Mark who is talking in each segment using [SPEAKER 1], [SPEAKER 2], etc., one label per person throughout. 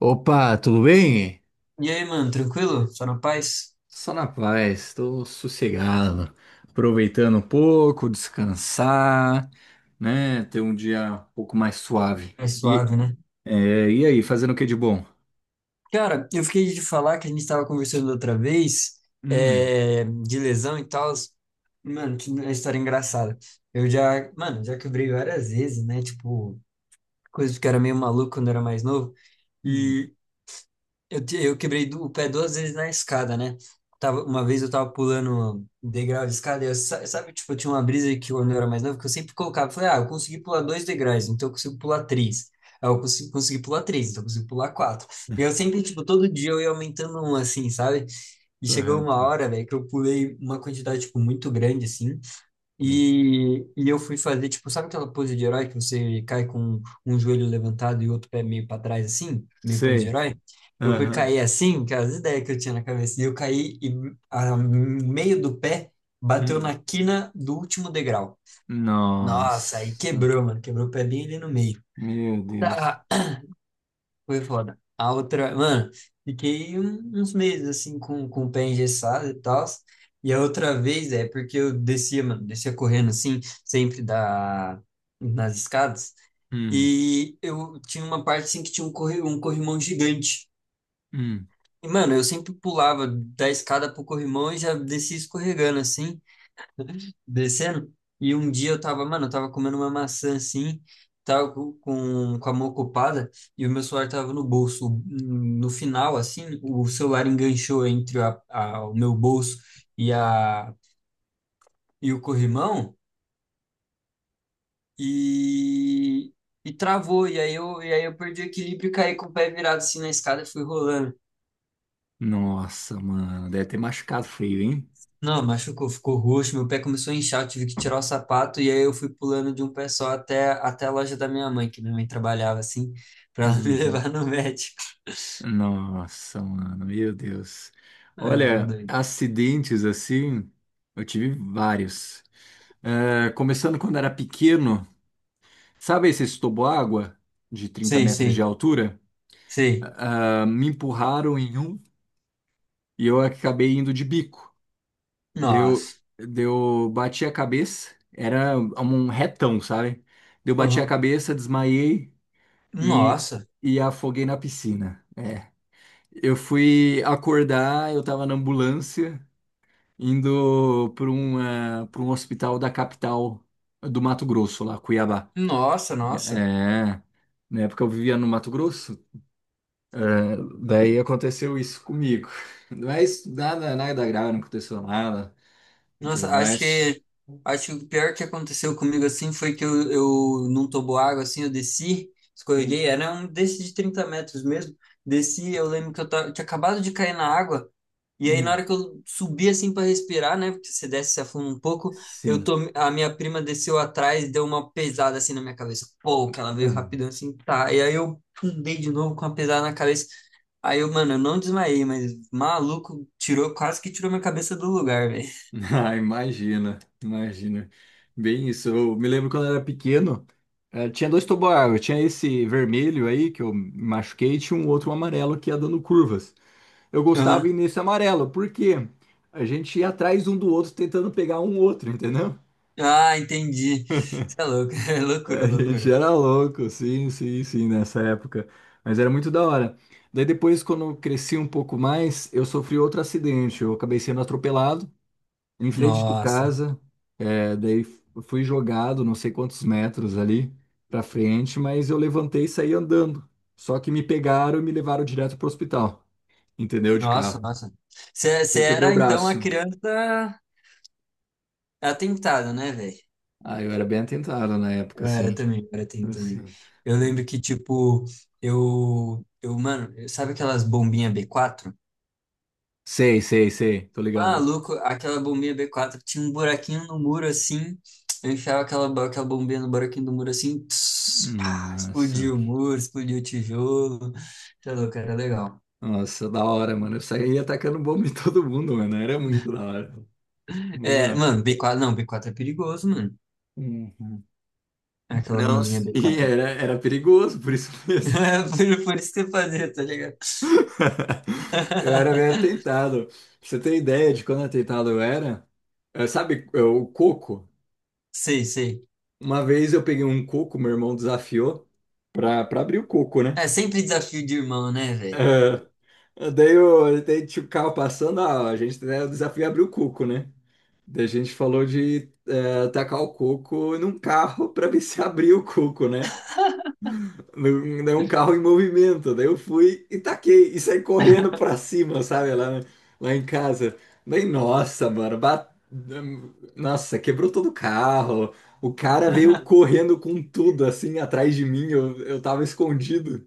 [SPEAKER 1] Opa, tudo bem?
[SPEAKER 2] E aí, mano, tranquilo? Só na paz?
[SPEAKER 1] Só na paz, estou sossegado, aproveitando um pouco, descansar, né? Ter um dia um pouco mais suave.
[SPEAKER 2] É
[SPEAKER 1] E,
[SPEAKER 2] suave, né?
[SPEAKER 1] e aí, fazendo o que de bom?
[SPEAKER 2] Cara, eu fiquei de falar que a gente estava conversando outra vez,
[SPEAKER 1] Hum,
[SPEAKER 2] de lesão e tal. Mano, que é história engraçada. Eu já, mano, já quebrei várias vezes, né? Tipo, coisas que eu era meio maluco quando eu era mais novo.
[SPEAKER 1] hum,
[SPEAKER 2] Eu quebrei o pé duas vezes na escada, né? Tava, uma vez eu tava pulando degrau de escada, e eu, sabe, tipo, eu tinha uma brisa que quando eu era mais novo, que eu sempre colocava, falei, ah, eu consegui pular dois degraus, então eu consigo pular três. Aí eu consegui pular três, então eu consigo pular quatro. E eu sempre, tipo, todo dia eu ia aumentando um, assim, sabe? E chegou uma
[SPEAKER 1] correto.
[SPEAKER 2] hora, velho, que eu pulei uma quantidade, tipo, muito grande, assim,
[SPEAKER 1] Hum,
[SPEAKER 2] e eu fui fazer, tipo, sabe aquela pose de herói que você cai com um joelho levantado e outro pé meio para trás, assim? Meio pose de
[SPEAKER 1] Sei.
[SPEAKER 2] herói? Eu fui
[SPEAKER 1] Aham.
[SPEAKER 2] cair assim, que era as ideias que eu tinha na cabeça. E eu caí e a meio do pé bateu
[SPEAKER 1] Hum,
[SPEAKER 2] na quina do último degrau. Nossa, aí
[SPEAKER 1] nossa,
[SPEAKER 2] quebrou, mano. Quebrou o pé bem ali no meio.
[SPEAKER 1] meu Deus.
[SPEAKER 2] Tá, foi foda. A outra, mano, fiquei uns meses assim com o pé engessado e tal. E a outra vez é porque eu descia, mano, descia correndo assim, sempre nas escadas.
[SPEAKER 1] Hum,
[SPEAKER 2] E eu tinha uma parte assim que tinha um corrimão gigante.
[SPEAKER 1] hum,
[SPEAKER 2] E, mano, eu sempre pulava da escada pro corrimão e já descia escorregando assim descendo. E um dia eu tava, mano, eu tava comendo uma maçã assim, tava com a mão ocupada e o meu celular tava no bolso. No final, assim, o celular enganchou entre o meu bolso e, a, e o corrimão e, e travou. E aí, e aí eu perdi o equilíbrio e caí com o pé virado assim na escada e fui rolando.
[SPEAKER 1] nossa, mano, deve ter machucado feio,
[SPEAKER 2] Não, machucou, ficou roxo, meu pé começou a inchar, eu tive que tirar o sapato e aí eu fui pulando de um pé só até a loja da minha mãe, que minha mãe trabalhava assim, pra ela me
[SPEAKER 1] hein?
[SPEAKER 2] levar no médico.
[SPEAKER 1] Nossa, mano, meu Deus.
[SPEAKER 2] Ah, era
[SPEAKER 1] Olha,
[SPEAKER 2] doido.
[SPEAKER 1] acidentes assim, eu tive vários. É, começando quando era pequeno, sabe esses toboágua de trinta
[SPEAKER 2] Sei,
[SPEAKER 1] metros de
[SPEAKER 2] sei,
[SPEAKER 1] altura?
[SPEAKER 2] sei.
[SPEAKER 1] Ah, me empurraram em um e eu acabei indo de bico.
[SPEAKER 2] Nossa.
[SPEAKER 1] Bati a cabeça, era um retão, sabe? Deu, bati a
[SPEAKER 2] Uhum.
[SPEAKER 1] cabeça, desmaiei e,
[SPEAKER 2] Nossa.
[SPEAKER 1] e afoguei na piscina. É, eu fui acordar, eu tava na ambulância indo para um, pra um hospital da capital do Mato Grosso, lá, Cuiabá.
[SPEAKER 2] Nossa, nossa.
[SPEAKER 1] É, na época eu vivia no Mato Grosso, né? Daí aconteceu isso comigo. Mas nada, nada grave, não aconteceu nada
[SPEAKER 2] Nossa, acho
[SPEAKER 1] demais.
[SPEAKER 2] que acho que o pior que aconteceu comigo assim foi que eu num toboágua assim, eu desci, escorreguei,
[SPEAKER 1] Hum,
[SPEAKER 2] era um desses de 30 metros mesmo. Desci, eu lembro que eu tinha acabado de cair na água. E aí, na
[SPEAKER 1] hum.
[SPEAKER 2] hora que eu subi assim para respirar, né? Porque você desce, e se afunda um pouco,
[SPEAKER 1] Sim.
[SPEAKER 2] a minha prima desceu atrás e deu uma pesada assim na minha cabeça. Pô, que ela
[SPEAKER 1] É.
[SPEAKER 2] veio rapidão assim, tá. E aí eu fundei de novo com uma pesada na cabeça. Aí eu, mano, eu não desmaiei, mas maluco, quase que tirou minha cabeça do lugar, velho.
[SPEAKER 1] Ah, imagina, imagina. Bem isso, eu me lembro quando eu era pequeno, tinha dois toboágua, tinha esse vermelho aí que eu me machuquei, e tinha um outro amarelo que ia dando curvas. Eu gostava
[SPEAKER 2] Aham.
[SPEAKER 1] ir nesse amarelo, porque a gente ia atrás um do outro tentando pegar um outro, entendeu?
[SPEAKER 2] Ah, entendi. Você é louco, é loucura,
[SPEAKER 1] A gente
[SPEAKER 2] loucura.
[SPEAKER 1] era louco, sim, sim, sim, nessa época. Mas era muito da hora. Daí depois, quando eu cresci um pouco mais, eu sofri outro acidente. Eu acabei sendo atropelado em frente de
[SPEAKER 2] Nossa,
[SPEAKER 1] casa. É, daí fui jogado não sei quantos metros ali pra frente, mas eu levantei e saí andando. Só que me pegaram e me levaram direto pro hospital, entendeu? De
[SPEAKER 2] nossa,
[SPEAKER 1] carro.
[SPEAKER 2] nossa. Você
[SPEAKER 1] Eu quebrei o
[SPEAKER 2] era então a
[SPEAKER 1] braço.
[SPEAKER 2] criança atentada, né, velho?
[SPEAKER 1] Ah, eu era bem atentado na época,
[SPEAKER 2] Eu era
[SPEAKER 1] sim.
[SPEAKER 2] também, eu era tem também.
[SPEAKER 1] Assim.
[SPEAKER 2] Eu lembro que, tipo, eu, mano, sabe aquelas bombinhas B4?
[SPEAKER 1] Sei, sei, sei, tô ligado.
[SPEAKER 2] Maluco, aquela bombinha B4 tinha um buraquinho no muro assim. Eu enfiava aquela, aquela bombinha no buraquinho do muro assim, tss, pá,
[SPEAKER 1] Nossa,
[SPEAKER 2] explodiu o muro, explodiu o tijolo. Tá louco, era legal.
[SPEAKER 1] nossa, da hora, mano. Eu saía atacando bomba em todo mundo, mano. Era muito da hora.
[SPEAKER 2] É,
[SPEAKER 1] Mano,
[SPEAKER 2] mano, B4, não, B4 é perigoso, mano.
[SPEAKER 1] uhum.
[SPEAKER 2] Aquela
[SPEAKER 1] Não,
[SPEAKER 2] bombinha b
[SPEAKER 1] sim,
[SPEAKER 2] quatro.
[SPEAKER 1] era, era perigoso, por isso mesmo.
[SPEAKER 2] Por isso que eu fazia, tá ligado?
[SPEAKER 1] Eu era bem atentado. Pra você ter ideia de quando atentado eu era, sabe, o coco?
[SPEAKER 2] Sei, sei.
[SPEAKER 1] Uma vez eu peguei um coco, meu irmão desafiou pra abrir o coco, né?
[SPEAKER 2] É sempre desafio de irmão, né, velho?
[SPEAKER 1] Daí tinha o carro passando, ah, a gente, né, o desafio é abrir o cuco, né? Daí a gente falou de tacar o coco num carro para ver se abria o coco, né? Num carro em movimento. Daí eu fui e taquei e saí correndo para cima, sabe? Lá em casa. Daí, nossa, mano, nossa, quebrou todo o carro. O cara veio correndo com tudo assim atrás de mim. Eu tava escondido,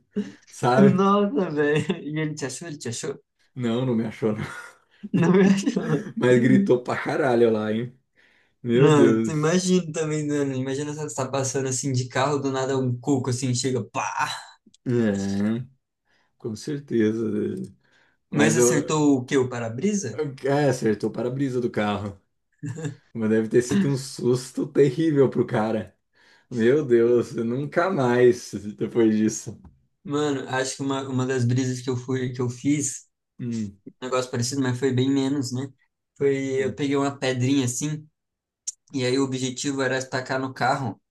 [SPEAKER 1] sabe?
[SPEAKER 2] Nossa, velho. E ele te achou? Ele te achou?
[SPEAKER 1] Não, não me achou.
[SPEAKER 2] Não me achou.
[SPEAKER 1] Mas gritou pra caralho lá, hein? Meu
[SPEAKER 2] Não, tu
[SPEAKER 1] Deus.
[SPEAKER 2] imagina também, mano. Imagina você tá passando assim de carro, do nada um coco assim chega, pá!
[SPEAKER 1] É, com certeza.
[SPEAKER 2] Mas
[SPEAKER 1] Mas eu,
[SPEAKER 2] acertou o quê? O para-brisa?
[SPEAKER 1] é, acertou o para-brisa do carro. Mas deve ter sido um susto terrível pro cara. Meu Deus, nunca mais depois disso.
[SPEAKER 2] Mano, acho que uma das brisas que eu fiz,
[SPEAKER 1] Hum.
[SPEAKER 2] um negócio parecido, mas foi bem menos, né? Foi, eu
[SPEAKER 1] Hum.
[SPEAKER 2] peguei uma pedrinha assim, e aí o objetivo era tacar no carro.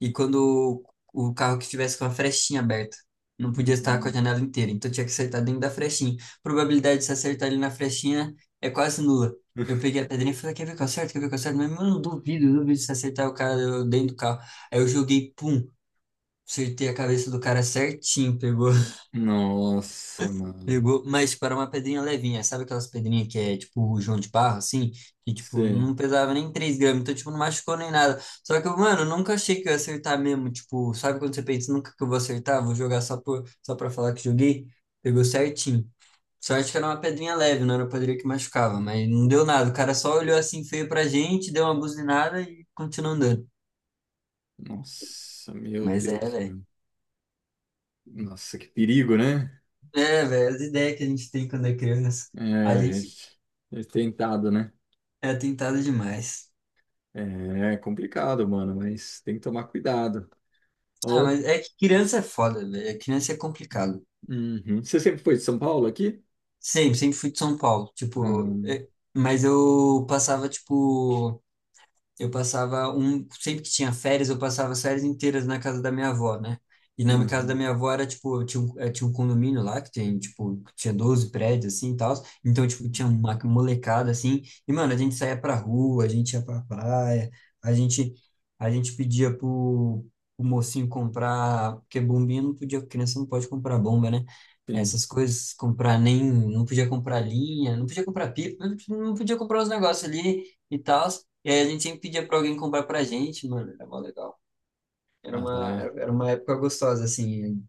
[SPEAKER 2] E quando o carro que estivesse com a frestinha aberta, não podia estar com a
[SPEAKER 1] Hum.
[SPEAKER 2] janela inteira, então tinha que acertar dentro da frestinha. Probabilidade de se acertar ali na frestinha é quase nula. Eu peguei a pedrinha e falei, quer ver que eu acerto, quer ver que eu acerto? Mas, mano, duvido se acertar o cara dentro do carro. Aí eu joguei, pum, acertei a cabeça do cara certinho, pegou
[SPEAKER 1] Nossa, mano.
[SPEAKER 2] pegou, mas para uma pedrinha levinha, sabe aquelas pedrinhas que é tipo João de barro, assim? Que tipo,
[SPEAKER 1] Sei.
[SPEAKER 2] não pesava nem 3 gramas, então tipo, não machucou nem nada. Só que, mano, eu nunca achei que eu ia acertar mesmo, tipo, sabe quando você pensa, nunca que eu vou acertar, vou jogar só, só pra falar que joguei? Pegou certinho. Sorte que era uma pedrinha leve, não era uma pedrinha que machucava, mas não deu nada. O cara só olhou assim feio pra gente, deu uma buzinada e continuou andando.
[SPEAKER 1] Nossa, meu
[SPEAKER 2] Mas é,
[SPEAKER 1] Deus,
[SPEAKER 2] velho.
[SPEAKER 1] mano. Nossa, que perigo, né?
[SPEAKER 2] É, velho, as ideias que a gente tem quando é criança,
[SPEAKER 1] É,
[SPEAKER 2] a
[SPEAKER 1] a
[SPEAKER 2] gente
[SPEAKER 1] gente é tentado, né?
[SPEAKER 2] é tentado demais.
[SPEAKER 1] É complicado, mano, mas tem que tomar cuidado.
[SPEAKER 2] Ah,
[SPEAKER 1] Ó,
[SPEAKER 2] mas é que criança é foda, velho. Criança é complicado.
[SPEAKER 1] uhum. Você sempre foi de São Paulo aqui?
[SPEAKER 2] Sempre, sempre fui de São Paulo. Tipo,
[SPEAKER 1] Hum,
[SPEAKER 2] mas eu passava, tipo. Sempre que tinha férias, eu passava as férias inteiras na casa da minha avó, né? E na casa da
[SPEAKER 1] uhum.
[SPEAKER 2] minha avó era, tipo, tinha um condomínio lá que tem, tipo, tinha 12 prédios, assim, e tal. Então, tipo, tinha uma molecada, assim. E, mano, a gente saía pra rua, a gente ia pra praia, a gente, a gente pedia pro mocinho comprar, porque bombinha não podia, criança não pode comprar bomba, né?
[SPEAKER 1] Sim.
[SPEAKER 2] Essas coisas, comprar nem, não podia comprar linha, não podia comprar pipa, não podia comprar os negócios ali e tal. E aí a gente sempre pedia pra alguém comprar pra gente, mano, era mó legal. Era
[SPEAKER 1] Ah,
[SPEAKER 2] uma,
[SPEAKER 1] dá.
[SPEAKER 2] era uma época gostosa, assim,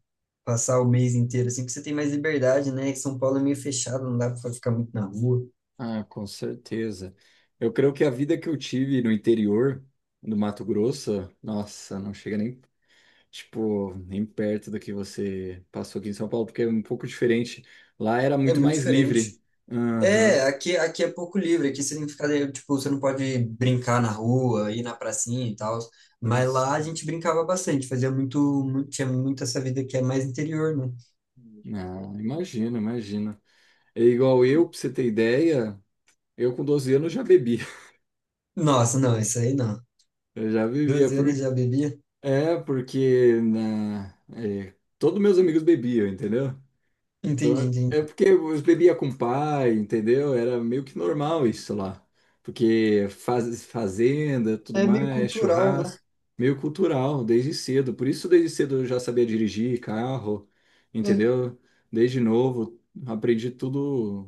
[SPEAKER 2] passar o mês inteiro, assim, que você tem mais liberdade, né? São Paulo é meio fechado, não dá pra ficar muito na rua.
[SPEAKER 1] Ah, com certeza. Eu creio que a vida que eu tive no interior do Mato Grosso, nossa, não chega nem, tipo, nem perto do que você passou aqui em São Paulo, porque é um pouco diferente. Lá era
[SPEAKER 2] É
[SPEAKER 1] muito
[SPEAKER 2] muito
[SPEAKER 1] mais
[SPEAKER 2] diferente.
[SPEAKER 1] livre.
[SPEAKER 2] É,
[SPEAKER 1] Aham.
[SPEAKER 2] aqui é pouco livre, aqui você tem que ficar, tipo, você não pode brincar na rua, ir na pracinha e tal, mas lá a
[SPEAKER 1] Nossa.
[SPEAKER 2] gente brincava bastante, fazia muito, muito, tinha muito essa vida que é mais interior, né?
[SPEAKER 1] Ah, imagina, imagina. É igual eu, pra você ter ideia. Eu com 12 anos já bebia.
[SPEAKER 2] Nossa, não, isso aí não.
[SPEAKER 1] Eu já bebia.
[SPEAKER 2] 12
[SPEAKER 1] Por...
[SPEAKER 2] anos já bebia?
[SPEAKER 1] Porque na... é, todos meus amigos bebiam, entendeu?
[SPEAKER 2] Entendi, entendi.
[SPEAKER 1] É porque eu bebia com o pai, entendeu? Era meio que normal isso lá. Porque faz... fazenda, tudo
[SPEAKER 2] É meio
[SPEAKER 1] mais,
[SPEAKER 2] cultural, né?
[SPEAKER 1] churrasco, meio cultural, desde cedo. Por isso, desde cedo eu já sabia dirigir carro,
[SPEAKER 2] É.
[SPEAKER 1] entendeu? Desde novo, aprendi tudo,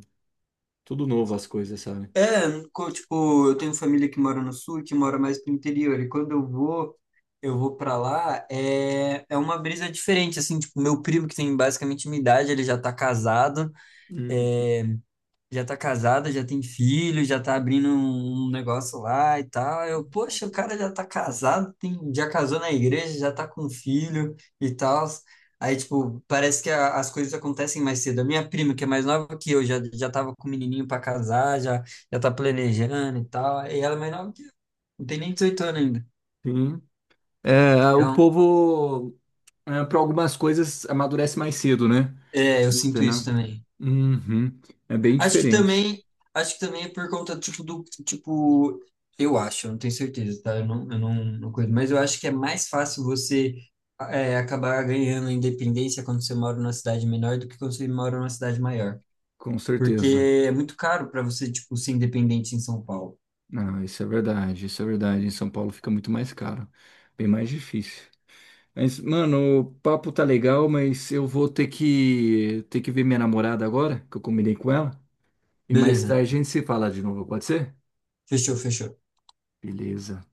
[SPEAKER 1] tudo novo as coisas, sabe?
[SPEAKER 2] É, tipo, eu tenho família que mora no sul, que mora mais pro interior, e quando eu vou pra lá, é uma brisa diferente, assim, tipo, meu primo, que tem basicamente minha idade, ele já tá casado,
[SPEAKER 1] Hum.
[SPEAKER 2] é, já tá casada, já tem filho, já tá abrindo um negócio lá e tal. Eu, poxa, o cara já tá casado, tem, já casou na igreja, já tá com filho e tal. Aí, tipo, parece que as coisas acontecem mais cedo. A minha prima, que é mais nova que eu, já tava com o menininho pra casar, já tá planejando e tal. E ela é mais nova que eu, não tem nem 18 anos ainda.
[SPEAKER 1] Sim. É, o
[SPEAKER 2] Então,
[SPEAKER 1] povo. Para algumas coisas amadurece mais cedo, né?
[SPEAKER 2] eu sinto
[SPEAKER 1] Entendeu?
[SPEAKER 2] isso também.
[SPEAKER 1] Uhum. É bem
[SPEAKER 2] Acho que
[SPEAKER 1] diferente,
[SPEAKER 2] também, acho que também é por conta, tipo, do, tipo, eu acho, eu não tenho certeza, tá? Eu não, não cuido, mas eu acho que é mais fácil você acabar ganhando independência quando você mora numa cidade menor do que quando você mora numa cidade maior.
[SPEAKER 1] com certeza.
[SPEAKER 2] Porque é muito caro para você, tipo, ser independente em São Paulo.
[SPEAKER 1] Não, isso é verdade, isso é verdade. Em São Paulo fica muito mais caro, bem mais difícil. Mas, mano, o papo tá legal, mas eu vou ter que ver minha namorada agora, que eu combinei com ela. E mais
[SPEAKER 2] Beleza,
[SPEAKER 1] tarde a gente se fala de novo, pode ser?
[SPEAKER 2] fechou, fechou.
[SPEAKER 1] Beleza.